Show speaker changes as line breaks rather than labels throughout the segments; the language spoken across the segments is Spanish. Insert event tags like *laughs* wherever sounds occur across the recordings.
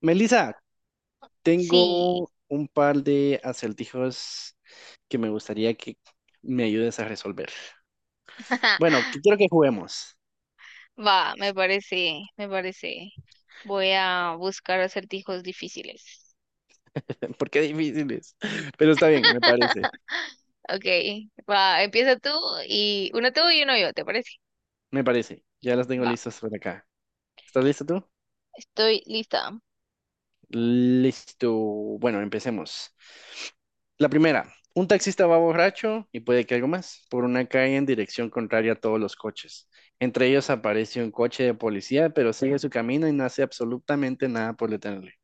Melissa,
Sí,
tengo un par de acertijos que me gustaría que me ayudes a resolver. Bueno, que
*laughs*
quiero que juguemos,
va, me parece, me parece. Voy a buscar acertijos difíciles.
*laughs* porque difíciles. Pero está bien, me parece,
*laughs* Ok, va, empieza tú y uno yo, ¿te parece?
me parece. Ya las tengo
Va,
listas por acá. ¿Estás listo tú?
estoy lista.
Listo. Bueno, empecemos. La primera, un taxista va borracho y puede que algo más por una calle en dirección contraria a todos los coches. Entre ellos aparece un coche de policía, pero sigue su camino y no hace absolutamente nada por detenerle.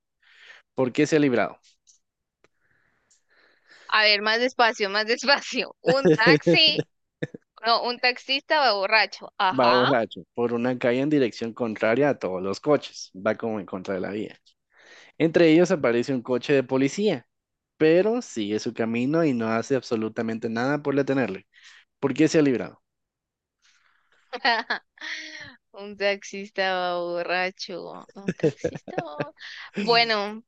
¿Por qué se ha librado?
A ver, más despacio, más *laughs* despacio. Un taxi,
*laughs*
no, un taxista va borracho.
Va
Ajá.
borracho por una calle en dirección contraria a todos los coches. Va como en contra de la vía. Entre ellos aparece un coche de policía, pero sigue su camino y no hace absolutamente nada por detenerle. ¿Por qué se ha librado?
*laughs* Un taxista va borracho. Un taxista va. Bueno,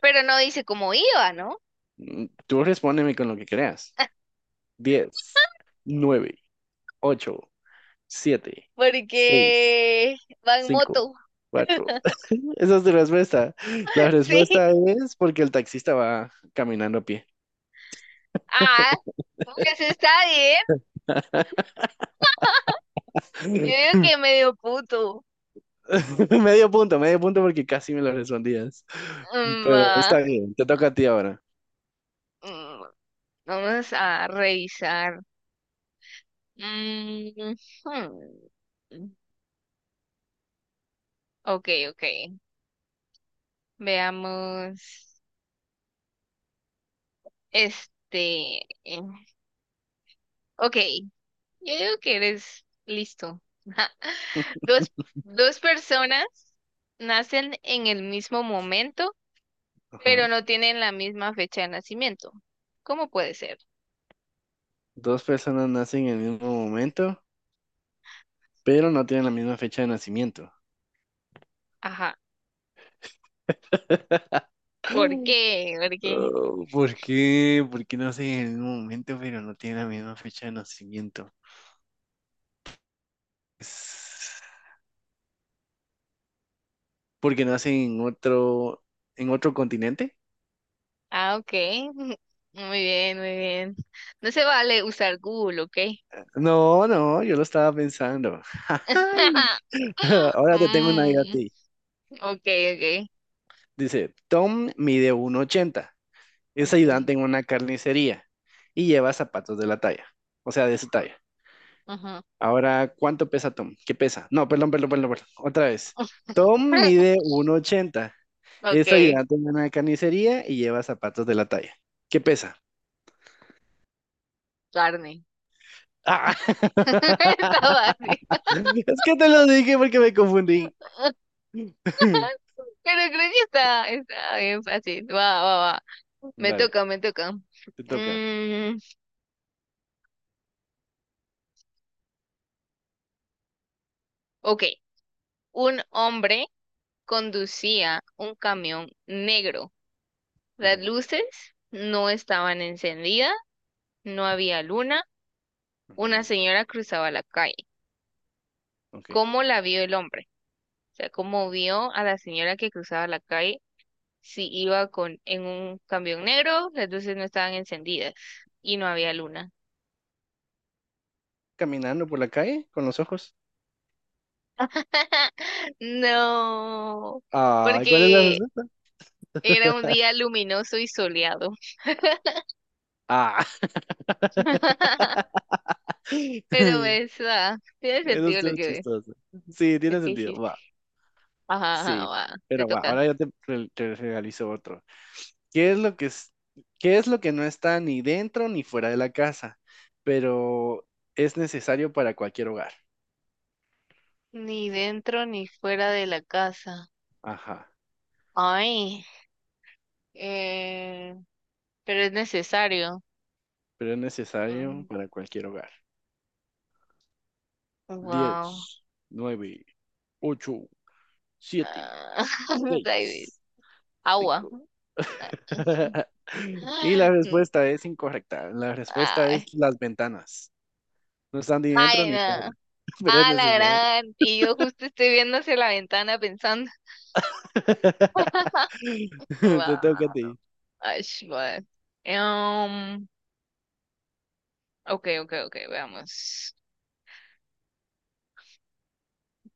pero no dice cómo iba, ¿no?
Tú respóndeme con lo que creas. 10, 9, 8, 7, 6,
Porque va en
5,
moto.
4. *laughs* Esa es tu respuesta. La
*laughs* Sí.
respuesta es porque el taxista va caminando a pie.
Ah, pues está bien. Yo digo
*laughs*
que medio puto.
*laughs* Medio punto porque casi me lo respondías. Pero
Va.
está bien, te toca a ti ahora.
Mm, Vamos a revisar. Mm, hmm. Ok, ok. Veamos. Este. eh, Ok. Yo digo que eres listo. Dos, dos personas nacen en el mismo momento, pero
Ajá.
no tienen la misma fecha de nacimiento. ¿Cómo puede ser?
Dos personas nacen en el mismo momento, pero no tienen la misma fecha de nacimiento.
Ajá. ¿Por qué? ¿Por qué?
Oh, ¿por qué? ¿Por qué nacen en el mismo momento, pero no tienen la misma fecha de nacimiento? Es- ¿Porque nacen en otro continente?
Ah, ok. *laughs* Muy bien, muy bien. No se vale usar Google, ¿ok?
No, no, yo lo estaba pensando. *laughs*
*laughs*
Ahora te tengo una idea a
Mm,
ti.
ok, ok.
Dice, Tom mide 1,80. Es
Ok.
ayudante en una carnicería y lleva zapatos de la talla, o sea, de su talla.
Ajá.
Ahora, ¿cuánto pesa Tom? ¿Qué pesa? No, perdón, perdón, perdón, perdón. Otra vez. Tom mide
*laughs*
1,80.
Ok,
Es ayudante en una carnicería y lleva zapatos de la talla. ¿Qué pesa?
carne.
Ah,
*laughs* Está
*laughs*
fácil.
es que te lo dije porque me confundí.
*laughs*
*laughs*
Pero creo que está bien fácil. Va, va, va. Me
Dale,
toca, me toca.
te toca.
Mm, ok. Un hombre conducía un camión negro. Las
Ujú,
luces no estaban encendidas, no había luna. Una
ujú,
señora cruzaba la calle.
ok.
¿Cómo la vio el hombre? O sea, ¿cómo vio a la señora que cruzaba la calle si iba con en un camión negro, las luces no estaban encendidas y no había luna?
Caminando por la calle con los ojos.
*laughs* No,
Ah, ¿cuál es la
porque
respuesta?
era un
*laughs*
día luminoso y soleado.
Ah,
*laughs* Pero
*laughs*
esa tiene
eso
sentido lo
estuvo
que
chistoso. Sí,
lo
tiene
que
sentido.
dijiste.
Va,
Ajá, ajá,
sí.
va, te
Pero va,
toca.
ahora te realizo otro. ¿Qué es lo que es, qué es lo que no está ni dentro ni fuera de la casa? Pero es necesario para cualquier hogar.
Ni dentro ni fuera de la casa.
Ajá.
Ay, eh, pero es necesario.
Pero es necesario para cualquier hogar.
Wow.
Diez, nueve, ocho, siete,
*laughs*
seis,
Agua.
cinco.
Ah,
*laughs* Y la
Mm,
respuesta es incorrecta. La respuesta es
ay,
las ventanas. No están ni dentro
ay,
ni fuera,
no.
*laughs* pero es
Ah, la
necesario.
gran. Y yo justo estoy viendo hacia la ventana pensando.
*laughs*
*laughs*
Te toca a
Wow.
ti.
Ash, bueno. Em, ok, ok, ok, veamos.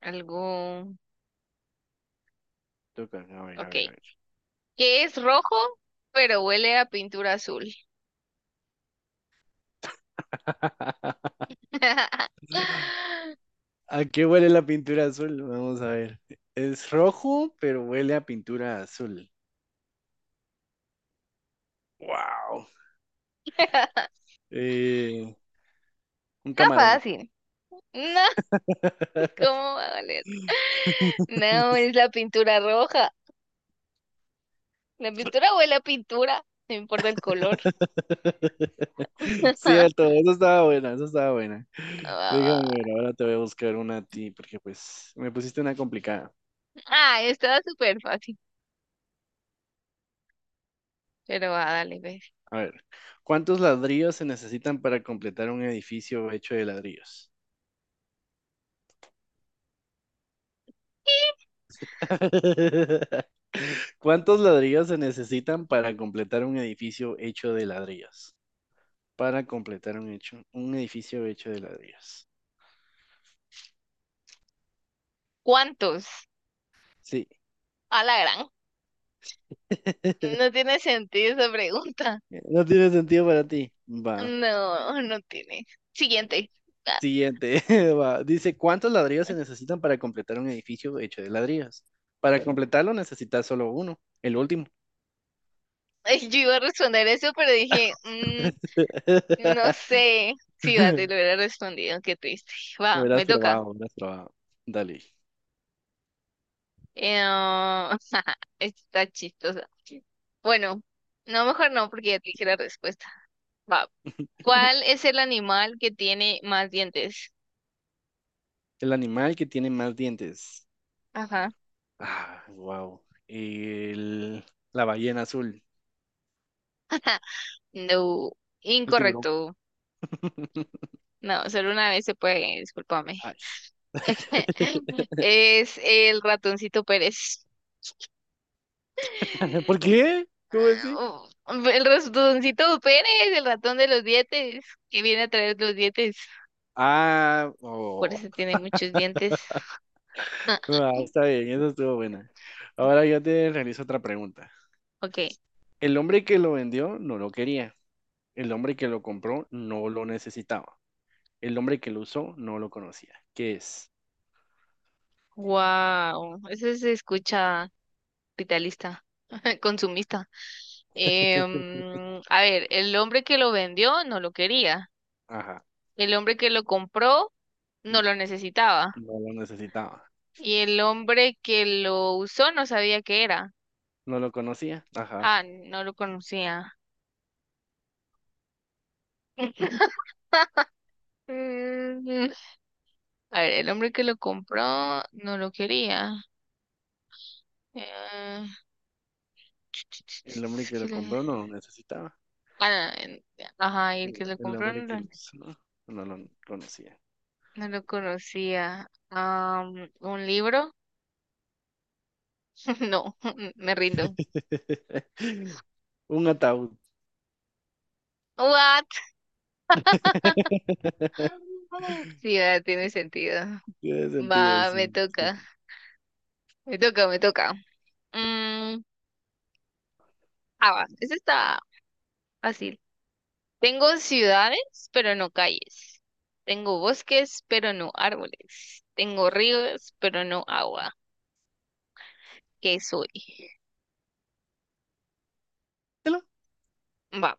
Algo.
Toca. A ver, a
Ok,
ver, a ver.
que es rojo, pero huele a pintura azul.
*laughs*
*laughs*
¿A qué huele la pintura azul? Vamos a ver. Es rojo, pero huele a pintura azul. Wow.
Está
Eh, un camarón.
fácil. No,
*laughs*
¿cómo va a valer? No, es la pintura roja. La pintura huele a pintura, no importa el color.
*laughs* Cierto,
*laughs*
eso estaba buena, eso estaba buena.
Va, va,
Déjame ver,
va.
ahora te voy a buscar una a ti, porque pues me pusiste una complicada.
Ah, estaba súper fácil. Pero va, dale, ve.
A ver, ¿cuántos ladrillos se necesitan para completar un edificio hecho de ladrillos? *laughs* ¿Cuántos ladrillos se necesitan para completar un edificio hecho de ladrillos? Para completar un hecho, un edificio hecho de ladrillos.
¿Cuántos?
Sí.
A la gran. No
*laughs*
tiene sentido esa pregunta.
No tiene sentido para ti. Va.
No, no tiene. Siguiente. Ah,
Siguiente. *laughs* Va. Dice, ¿cuántos ladrillos se necesitan para completar un edificio hecho de ladrillos? Para completarlo necesitas solo uno, el último.
*laughs* yo iba a responder eso, pero dije, no
*laughs*
sé. Sí, va, te lo hubiera respondido. Qué triste. Va,
Hubieras
me toca.
probado, hubieras probado. Dale.
Ah, *laughs* está chistosa. Bueno, no, mejor no, porque ya te dije la respuesta. Va. ¿Cuál es el animal que tiene más dientes?
El animal que tiene más dientes.
Ajá.
Ah, wow. El... la ballena azul.
No,
El tiburón.
incorrecto.
*laughs*
No, solo una vez se puede, discúlpame.
Ay.
*laughs*
*laughs*
Es el ratoncito Pérez.
¿Por qué? ¿Cómo
Ah,
así?
oh, el ratoncito Pérez, el ratón de los dientes, que viene a traer los dientes.
Ah,
Por
oh.
eso tiene muchos dientes.
Ah, está
*laughs*
bien, eso estuvo buena. Ahora yo te realizo otra pregunta.
Ok.
El hombre que lo vendió no lo quería. El hombre que lo compró no lo necesitaba. El hombre que lo usó no lo conocía. ¿Qué es?
Wow. Eso se escucha capitalista, *laughs* consumista. A ver, el hombre que lo vendió no lo quería.
Ajá.
El hombre que lo compró no
n-
lo necesitaba.
No lo necesitaba.
Y el hombre que lo usó no sabía qué era.
No lo conocía. Ajá.
Ah, no lo conocía. *laughs* Mm, a ver, el hombre que lo compró no lo quería. Eh,
El hombre que lo compró no
*tsk*
lo necesitaba.
Bueno, ajá, y el
El,
que lo
el
compró no
hombre que lo
lo,
usó no lo conocía.
no lo conocía. ¿Un libro? *laughs* No, *laughs* me rindo.
*laughs* Un ataúd.
What? *gasps*
*laughs*
*laughs* Sí, ah, tiene sentido.
Tiene sentido,
Va, me
sí.
toca, me toca, me toca. Mm, ah, va, eso está fácil. Tengo ciudades, pero no calles. Tengo bosques, pero no árboles. Tengo ríos, pero no agua. ¿Qué soy? Va,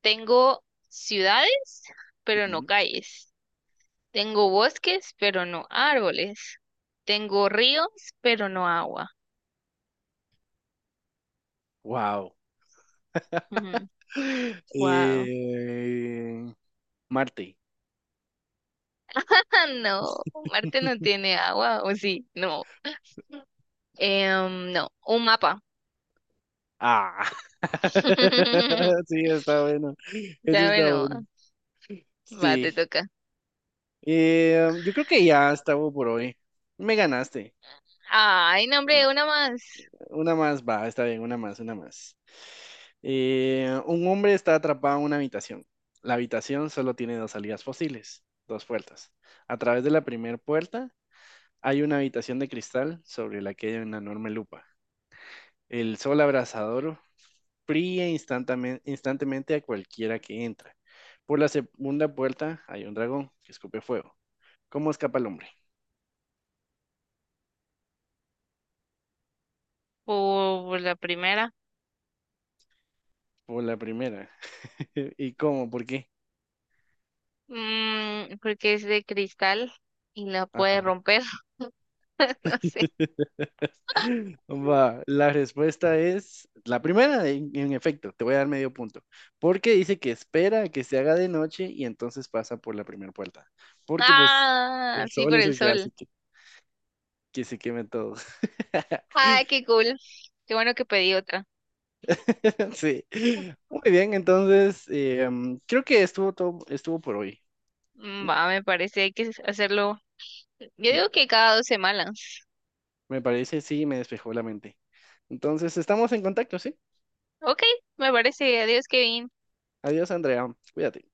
tengo ciudades, pero no calles. Tengo bosques, pero no árboles. Tengo ríos, pero no agua.
Wow. *laughs*
Wow.
Eh, Marte.
*laughs* No, Marte no tiene agua, ¿o sí? No. No, un mapa.
Ah, *laughs*
*laughs*
sí, está bueno. Eso
¿Sabe?
está
No.
bueno.
Va,
Sí.
te toca.
Yo creo que ya estaba por hoy. Me ganaste.
Ay, nombre, una más.
Una más, va, está bien, una más, una más. Un hombre está atrapado en una habitación. La habitación solo tiene dos salidas posibles, dos puertas. A través de la primera puerta hay una habitación de cristal sobre la que hay una enorme lupa. El sol abrasador fría instantáneamente a cualquiera que entra. Por la segunda puerta hay un dragón que escupe fuego. ¿Cómo escapa el hombre?
Por la primera.
Por la primera. *laughs* ¿Y cómo? ¿Por qué?
Porque es de cristal y la puede
Ajá.
romper. *laughs* No sé.
*laughs* Va, la respuesta es la primera, en efecto, te voy a dar medio punto, porque dice que espera a que se haga de noche y entonces pasa por la primera puerta, porque pues
Ah,
el
sí,
sol
por
es
el
el que hace
sol.
que se quemen todos. *laughs*
Ay, qué cool. Qué bueno que pedí otra.
*laughs* Sí. Muy bien, entonces creo que estuvo todo, estuvo por hoy. Mm,
Va, me parece, hay que hacerlo. Yo
mm,
digo que cada 2 semanas.
Me parece, sí, me despejó la mente. Entonces, estamos en contacto, ¿sí?
Ok, me parece. Adiós, Kevin.
Adiós, Andrea. Cuídate.